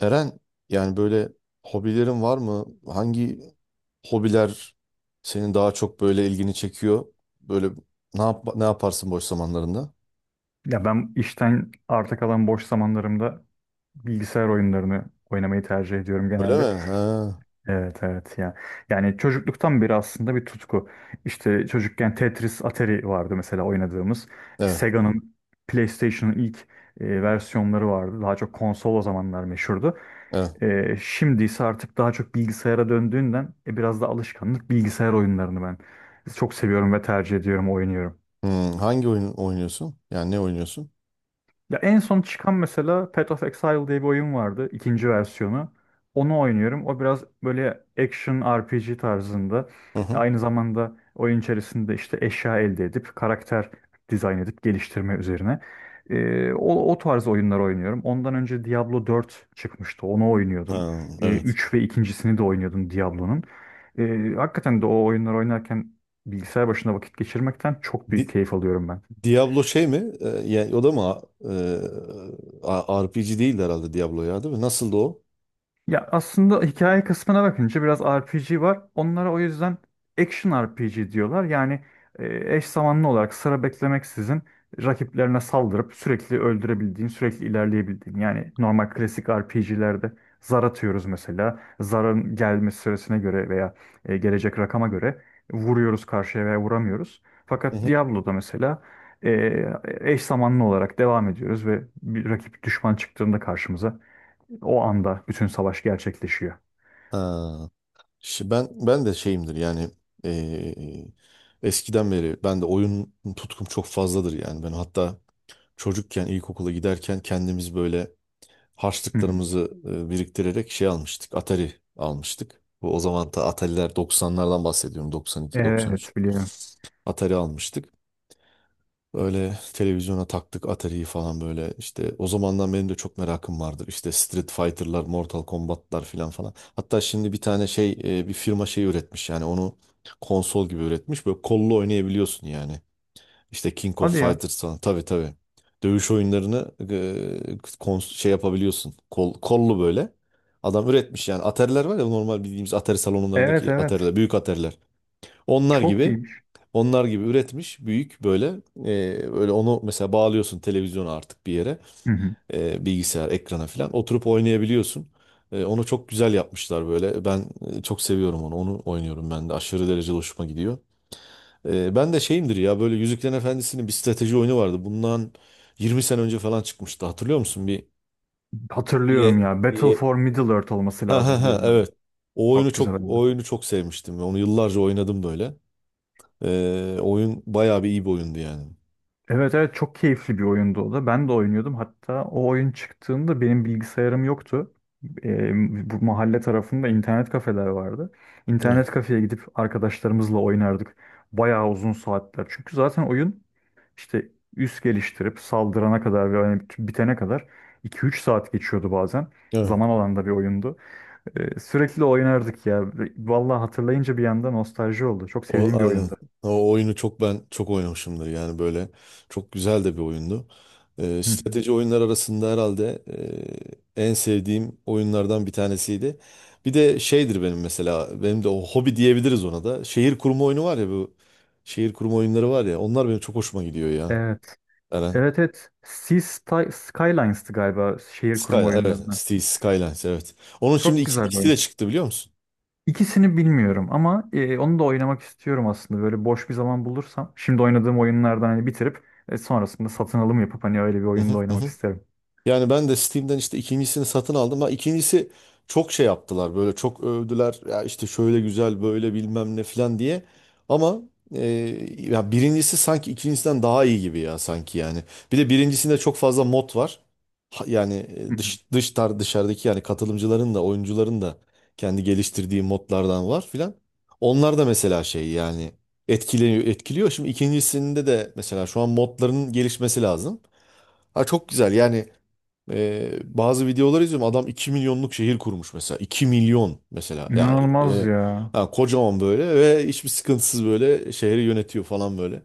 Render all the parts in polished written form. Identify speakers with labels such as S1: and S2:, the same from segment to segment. S1: Eren, yani böyle hobilerin var mı? Hangi hobiler senin daha çok böyle ilgini çekiyor? Böyle ne yaparsın boş zamanlarında?
S2: Ya ben işten arta kalan boş zamanlarımda bilgisayar oyunlarını oynamayı tercih ediyorum
S1: Öyle
S2: genelde.
S1: mi? Ha.
S2: Evet evet ya. Yani çocukluktan beri aslında bir tutku. İşte çocukken Tetris, Atari vardı mesela oynadığımız.
S1: Evet.
S2: Sega'nın PlayStation'ın ilk versiyonları vardı. Daha çok konsol o zamanlar meşhurdu.
S1: Evet.
S2: Şimdi ise artık daha çok bilgisayara döndüğünden biraz da alışkanlık bilgisayar oyunlarını ben çok seviyorum ve tercih ediyorum, oynuyorum.
S1: Hmm, hangi oyun oynuyorsun? Yani ne oynuyorsun?
S2: Ya en son çıkan mesela Path of Exile diye bir oyun vardı. İkinci versiyonu. Onu oynuyorum. O biraz böyle action RPG tarzında.
S1: Hı hı.
S2: Aynı zamanda oyun içerisinde işte eşya elde edip karakter dizayn edip geliştirme üzerine. O tarz oyunlar oynuyorum. Ondan önce Diablo 4 çıkmıştı. Onu oynuyordum.
S1: Ha, evet.
S2: 3 ve ikincisini de oynuyordum Diablo'nun. Hakikaten de o oyunlar oynarken bilgisayar başında vakit geçirmekten çok büyük
S1: Di-
S2: keyif alıyorum ben.
S1: Diablo şey mi? O da mı? RPG değil herhalde Diablo, ya, değil mi? Nasıldı o?
S2: Ya aslında hikaye kısmına bakınca biraz RPG var. Onlara o yüzden action RPG diyorlar. Yani eş zamanlı olarak sıra beklemeksizin rakiplerine saldırıp sürekli öldürebildiğin, sürekli ilerleyebildiğin. Yani normal klasik RPG'lerde zar atıyoruz mesela. Zarın gelme süresine göre veya gelecek rakama göre vuruyoruz karşıya veya vuramıyoruz.
S1: Hı
S2: Fakat
S1: hı.
S2: Diablo'da mesela eş zamanlı olarak devam ediyoruz ve bir rakip düşman çıktığında karşımıza o anda bütün savaş gerçekleşiyor.
S1: Ha. Ben de şeyimdir, yani eee, eskiden beri ben de oyun tutkum çok fazladır. Yani ben hatta çocukken ilkokula giderken kendimiz böyle
S2: Hı hı.
S1: harçlıklarımızı biriktirerek şey almıştık, Atari almıştık. Bu o zaman da, Atari'ler 90'lardan bahsediyorum, 92, 93.
S2: Evet biliyorum.
S1: Atari almıştık. Böyle televizyona taktık Atari'yi falan, böyle işte o zamandan benim de çok merakım vardır. İşte Street Fighter'lar, Mortal Kombat'lar filan falan. Hatta şimdi bir tane şey, bir firma şey üretmiş yani, onu konsol gibi üretmiş. Böyle kollu oynayabiliyorsun yani. İşte King
S2: Hadi
S1: of
S2: ya.
S1: Fighters falan. Tabii, tabii. Dövüş oyunlarını şey yapabiliyorsun. Kollu böyle. Adam üretmiş yani. Atari'ler var ya, normal bildiğimiz Atari
S2: Evet
S1: salonlarındaki
S2: evet.
S1: Atari'ler, büyük Atari'ler. Onlar
S2: Çok
S1: gibi
S2: iyiymiş.
S1: onlar gibi üretmiş, büyük böyle. e, Öyle onu mesela bağlıyorsun televizyona artık, bir yere,
S2: Hı hı.
S1: bilgisayar ekrana falan oturup oynayabiliyorsun. Onu çok güzel yapmışlar böyle. Ben çok seviyorum onu. Onu oynuyorum ben de. Aşırı derecede hoşuma gidiyor. Ben de şeyimdir ya, böyle Yüzüklerin Efendisi'nin bir strateji oyunu vardı. Bundan 20 sene önce falan çıkmıştı. Hatırlıyor musun?
S2: Hatırlıyorum
S1: Bir-
S2: ya. Battle for
S1: bir-
S2: Middle Earth olması
S1: Ha ha
S2: lazım
S1: ha,
S2: dediğin oyun.
S1: evet.
S2: Çok güzel
S1: O
S2: oyun.
S1: oyunu çok sevmiştim. Onu yıllarca oynadım böyle. Oyun bayağı bir iyi bir oyundu yani.
S2: Evet evet, çok keyifli bir oyundu o da. Ben de oynuyordum. Hatta o oyun çıktığında benim bilgisayarım yoktu. Bu mahalle tarafında internet kafeler vardı.
S1: Evet.
S2: İnternet kafeye gidip arkadaşlarımızla oynardık. Bayağı uzun saatler. Çünkü zaten oyun işte üs geliştirip saldırana kadar ve hani bitene kadar iki üç saat geçiyordu bazen.
S1: Evet.
S2: Zaman alan da bir oyundu. Sürekli oynardık ya. Vallahi hatırlayınca bir anda nostalji oldu. Çok
S1: O
S2: sevdiğim bir
S1: aynen.
S2: oyundu.
S1: O oyunu çok, ben çok oynamışımdır yani böyle, çok güzel de bir oyundu. Strateji oyunlar arasında herhalde en sevdiğim oyunlardan bir tanesiydi. Bir de şeydir benim, mesela benim de, o hobi diyebiliriz ona da. Şehir kurma oyunu var ya, bu şehir kurma oyunları var ya, onlar benim çok hoşuma gidiyor ya.
S2: Evet.
S1: Eren.
S2: Evet evet. Skylines'tı galiba şehir kurma
S1: Skyline, evet.
S2: oyunlarını.
S1: Cities Skylines, evet. Onun şimdi
S2: Çok güzel bir
S1: ikisi de
S2: oyun.
S1: çıktı, biliyor musun?
S2: İkisini bilmiyorum ama onu da oynamak istiyorum aslında. Böyle boş bir zaman bulursam. Şimdi oynadığım oyunlardan hani bitirip sonrasında satın alım yapıp hani öyle bir
S1: Hı hı
S2: oyunda
S1: hı.
S2: oynamak
S1: Hı.
S2: isterim.
S1: Yani ben de Steam'den işte ikincisini satın aldım. Ha, ikincisi, çok şey yaptılar böyle, çok övdüler. Ya işte şöyle güzel, böyle bilmem ne falan diye. Ama e, ya, birincisi sanki ikincisinden daha iyi gibi ya, sanki yani. Bir de birincisinde çok fazla mod var. Yani
S2: Hı hı.
S1: dışarıdaki, yani katılımcıların da, oyuncuların da kendi geliştirdiği modlardan var filan. Onlar da mesela şey yani, etkiliyor, etkiliyor. Şimdi ikincisinde de mesela şu an modların gelişmesi lazım. Ha, çok güzel yani. Bazı videolar izliyorum. Adam 2 milyonluk şehir kurmuş mesela. 2 milyon mesela. Yani,
S2: İnanılmaz ya.
S1: kocaman böyle ve hiçbir sıkıntısız böyle şehri yönetiyor falan böyle.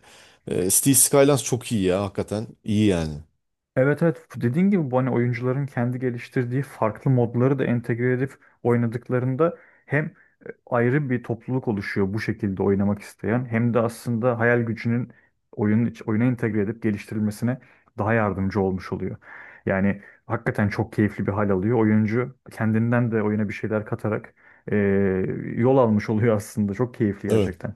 S1: Cities Skylines çok iyi ya hakikaten. İyi yani.
S2: Evet evet, dediğin gibi bu hani oyuncuların kendi geliştirdiği farklı modları da entegre edip oynadıklarında hem ayrı bir topluluk oluşuyor bu şekilde oynamak isteyen, hem de aslında hayal gücünün oyuna entegre edip geliştirilmesine daha yardımcı olmuş oluyor. Yani hakikaten çok keyifli bir hal alıyor. Oyuncu kendinden de oyuna bir şeyler katarak e, yol almış oluyor aslında. Çok keyifli
S1: Evet.
S2: gerçekten.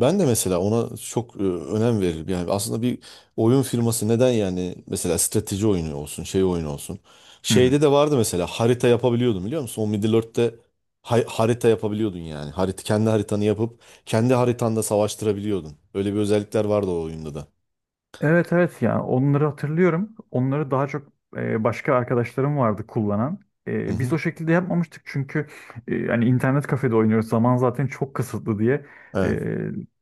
S1: Ben de mesela ona çok önem veririm. Yani aslında bir oyun firması neden, yani mesela strateji oyunu olsun, şey oyunu olsun. Şeyde de vardı mesela, harita yapabiliyordun, biliyor musun? O Middle Earth'te harita yapabiliyordun yani. Harita, kendi haritanı yapıp kendi haritanda savaştırabiliyordun. Öyle bir özellikler vardı o oyunda da.
S2: Evet evet, yani onları hatırlıyorum. Onları daha çok başka arkadaşlarım vardı kullanan.
S1: Hı
S2: Biz
S1: hı.
S2: o şekilde yapmamıştık çünkü hani internet kafede oynuyoruz. Zaman zaten çok kısıtlı diye. E,
S1: Evet.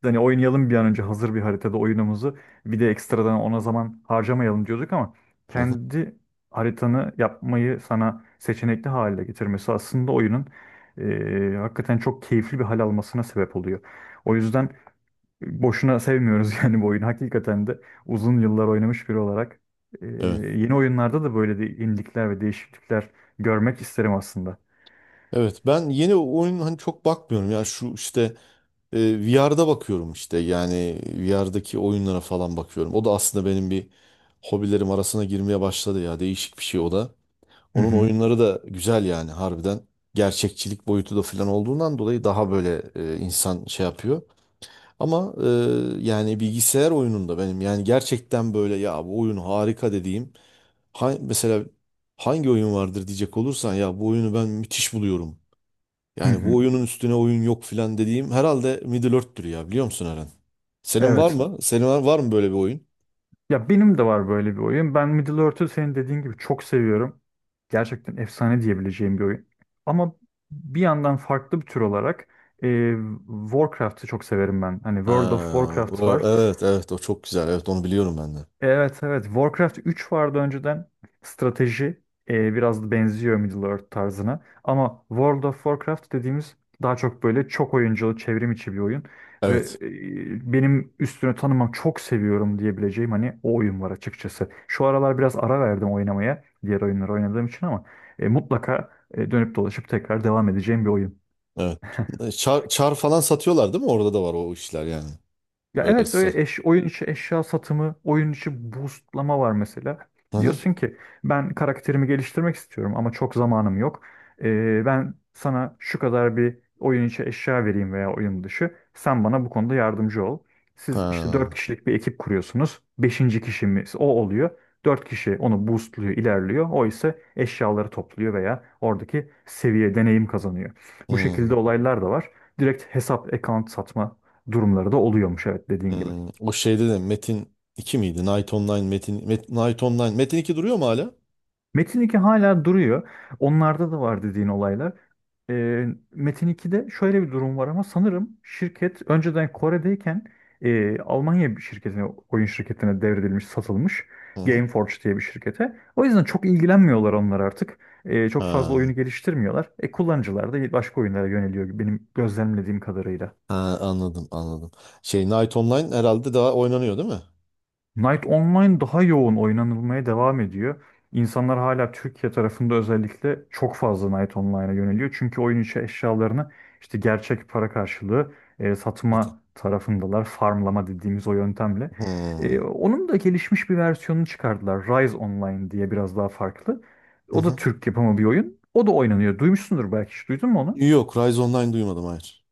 S2: hani oynayalım bir an önce hazır bir haritada oyunumuzu. Bir de ekstradan ona zaman harcamayalım diyorduk ama
S1: Hı hı.
S2: kendi haritanı yapmayı sana seçenekli hale getirmesi aslında oyunun hakikaten çok keyifli bir hal almasına sebep oluyor. O yüzden boşuna sevmiyoruz yani bu oyunu. Hakikaten de uzun yıllar oynamış biri olarak e,
S1: Evet.
S2: yeni oyunlarda da böyle de yenilikler ve değişiklikler görmek isterim aslında.
S1: Evet. Ben yeni oyun hani çok bakmıyorum. Yani şu işte, VR'da bakıyorum, işte yani VR'daki oyunlara falan bakıyorum. O da aslında benim bir hobilerim arasına girmeye başladı ya, değişik bir şey o da.
S2: Hı
S1: Onun
S2: hı.
S1: oyunları da güzel yani, harbiden gerçekçilik boyutu da falan olduğundan dolayı daha böyle insan şey yapıyor. Ama yani, bilgisayar oyununda benim yani gerçekten böyle, ya bu oyun harika dediğim mesela, hangi oyun vardır diyecek olursan, ya bu oyunu ben müthiş buluyorum.
S2: Hı
S1: Yani bu
S2: hı.
S1: oyunun üstüne oyun yok filan dediğim, herhalde Middle Earth'tür ya, biliyor musun Eren? Senin var
S2: Evet.
S1: mı? Var mı böyle bir oyun?
S2: Ya benim de var böyle bir oyun. Ben Middle-earth'ü senin dediğin gibi çok seviyorum. Gerçekten efsane diyebileceğim bir oyun. Ama bir yandan farklı bir tür olarak e, Warcraft'ı çok severim ben. Hani World of
S1: Ha,
S2: Warcraft var.
S1: evet, evet, o çok güzel. Evet, onu biliyorum ben de.
S2: Evet evet. Warcraft 3 vardı önceden. Strateji biraz da benziyor Middle-earth tarzına. Ama World of Warcraft dediğimiz daha çok böyle çok oyunculu, çevrim içi bir oyun. Ve
S1: Evet.
S2: benim üstüne tanımam çok seviyorum diyebileceğim hani o oyun var açıkçası. Şu aralar biraz ara verdim oynamaya diğer oyunları oynadığım için ama mutlaka dönüp dolaşıp tekrar devam edeceğim bir oyun.
S1: Evet. Çar falan satıyorlar değil mi? Orada da var o işler yani.
S2: Ya
S1: Öyle
S2: evet,
S1: sa-
S2: öyle oyun içi eşya satımı, oyun içi boostlama var mesela.
S1: Hı hı.
S2: Diyorsun ki ben karakterimi geliştirmek istiyorum ama çok zamanım yok. Ben sana şu kadar bir oyun içi eşya vereyim veya oyun dışı. Sen bana bu konuda yardımcı ol. Siz işte 4
S1: Ha.
S2: kişilik bir ekip kuruyorsunuz. Beşinci kişimiz o oluyor. 4 kişi onu boostluyor, ilerliyor. O ise eşyaları topluyor veya oradaki seviye, deneyim kazanıyor. Bu şekilde
S1: Hı.
S2: olaylar da var. Direkt hesap, account satma durumları da oluyormuş, evet, dediğin gibi.
S1: Hmm, o şeyde de, Metin 2 miydi? Night Online, Night Online. Metin 2 duruyor mu hala?
S2: Metin iki hala duruyor. Onlarda da var dediğin olaylar. Ee, Metin 2'de şöyle bir durum var ama sanırım şirket önceden Kore'deyken Almanya bir şirketine, oyun şirketine devredilmiş, satılmış.
S1: Hı hı.
S2: Gameforge diye bir şirkete. O yüzden çok ilgilenmiyorlar onlar artık. Çok fazla
S1: Ha,
S2: oyunu geliştirmiyorlar. Kullanıcılar da başka oyunlara yöneliyor benim gözlemlediğim kadarıyla.
S1: ha, anladım, anladım. Şey, Night Online herhalde daha oynanıyor değil mi?
S2: Night Online daha yoğun oynanılmaya devam ediyor. İnsanlar hala Türkiye tarafında özellikle çok fazla Night Online'a yöneliyor. Çünkü oyun içi eşyalarını işte gerçek para karşılığı
S1: Zaten.
S2: satma tarafındalar. Farmlama dediğimiz o yöntemle. E,
S1: Hmm.
S2: onun da gelişmiş bir versiyonunu çıkardılar. Rise Online diye biraz daha farklı.
S1: Hı
S2: O da
S1: hı.
S2: Türk yapımı bir oyun. O da oynanıyor. Duymuşsundur, belki hiç duydun mu onu?
S1: Yok, Rise Online duymadım, hayır.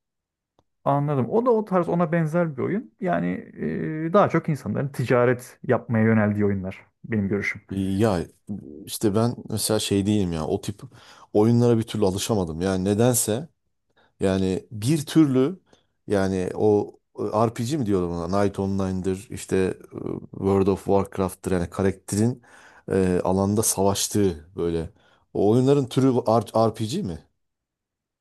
S2: Anladım. O da o tarz, ona benzer bir oyun. Yani daha çok insanların ticaret yapmaya yöneldiği oyunlar benim görüşüm.
S1: Ya işte ben mesela şey değilim ya, o tip oyunlara bir türlü alışamadım. Yani nedense, yani bir türlü, yani o RPG mi diyorlar ona, Night Online'dır işte, World of Warcraft'tır, yani karakterin alanda savaştığı böyle. O oyunların türü RPG mi?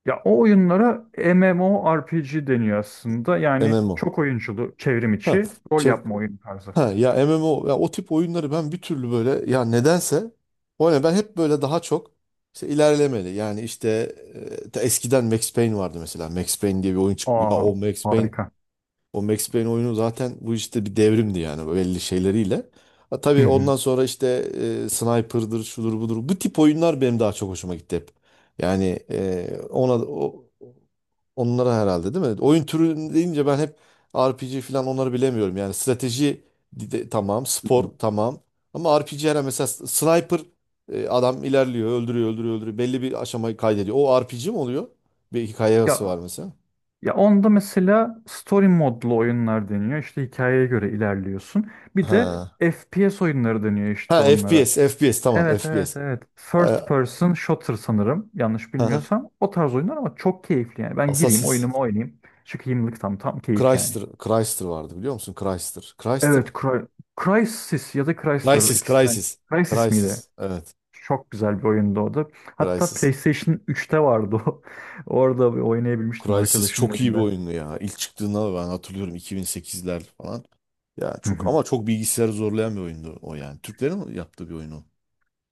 S2: Ya o oyunlara MMORPG deniyor aslında. Yani
S1: MMO.
S2: çok oyunculu, çevrim
S1: Ha.
S2: içi rol
S1: çek
S2: yapma oyunu tarzı.
S1: Ha, ya MMO, ya o tip oyunları ben bir türlü böyle, ya nedense, o ne, ben hep böyle daha çok işte ilerlemeli. Yani işte ta eskiden Max Payne vardı mesela. Max Payne diye bir oyun çıktı.
S2: Aa, harika.
S1: O Max Payne oyunu zaten bu işte bir devrimdi yani, belli şeyleriyle. Ha,
S2: Hı
S1: tabii
S2: hı.
S1: ondan sonra işte Sniper'dır, şudur budur. Bu tip oyunlar benim daha çok hoşuma gitti hep. Yani onlara herhalde değil mi? Oyun türü deyince ben hep RPG falan, onları bilemiyorum. Yani strateji, tamam,
S2: Hı
S1: spor
S2: hı.
S1: tamam. Ama RPG, her mesela sniper, adam ilerliyor, öldürüyor, öldürüyor, öldürüyor. Belli bir aşamayı kaydediyor. O RPG mi oluyor? Bir hikayesi
S2: Ya
S1: var mesela.
S2: ya onda mesela story modlu oyunlar deniyor. İşte hikayeye göre ilerliyorsun. Bir de
S1: He.
S2: FPS oyunları deniyor işte
S1: Ha,
S2: onlara.
S1: FPS, FPS tamam,
S2: Evet evet
S1: FPS.
S2: evet. First
S1: Ee,
S2: person shooter sanırım, yanlış
S1: hı hı.
S2: bilmiyorsam. O tarz oyunlar ama çok keyifli yani. Ben gireyim
S1: Assassin's
S2: oyunumu oynayayım. Çıkayımlık tam keyif yani.
S1: Chrysler, Chrysler vardı, biliyor musun? Chrysler, Chrysler mı?
S2: Evet, Crysis ya da Chrysler,
S1: Crysis,
S2: ikisinden.
S1: Crysis.
S2: Crysis miydi?
S1: Crysis. Evet,
S2: Çok güzel bir oyundu o da. Hatta
S1: Crysis.
S2: PlayStation 3'te vardı o. Orada bir oynayabilmiştim
S1: Crysis
S2: arkadaşımın
S1: çok iyi bir
S2: evinde.
S1: oyundu ya. İlk çıktığında ben hatırlıyorum, 2008'ler falan. Ya çok, ama çok bilgisayarı zorlayan bir oyundu o yani. Türklerin yaptığı bir oyunu.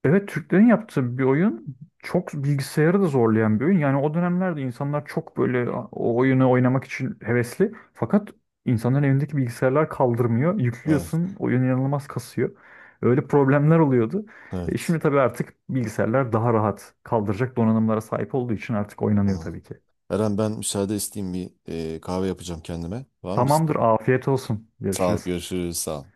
S2: Evet, Türklerin yaptığı bir oyun, çok bilgisayarı da zorlayan bir oyun. Yani o dönemlerde insanlar çok böyle o oyunu oynamak için hevesli. Fakat insanların evindeki bilgisayarlar kaldırmıyor.
S1: Evet,
S2: Yüklüyorsun, oyun inanılmaz kasıyor. Öyle problemler oluyordu. E
S1: evet.
S2: şimdi tabii artık bilgisayarlar daha rahat kaldıracak donanımlara sahip olduğu için artık oynanıyor
S1: Aman.
S2: tabii ki.
S1: Eren, ben müsaade isteyeyim, bir kahve yapacağım kendime. Var mı isteğin?
S2: Tamamdır, afiyet olsun.
S1: Sağ ol,
S2: Görüşürüz.
S1: görüşürüz, sağ ol.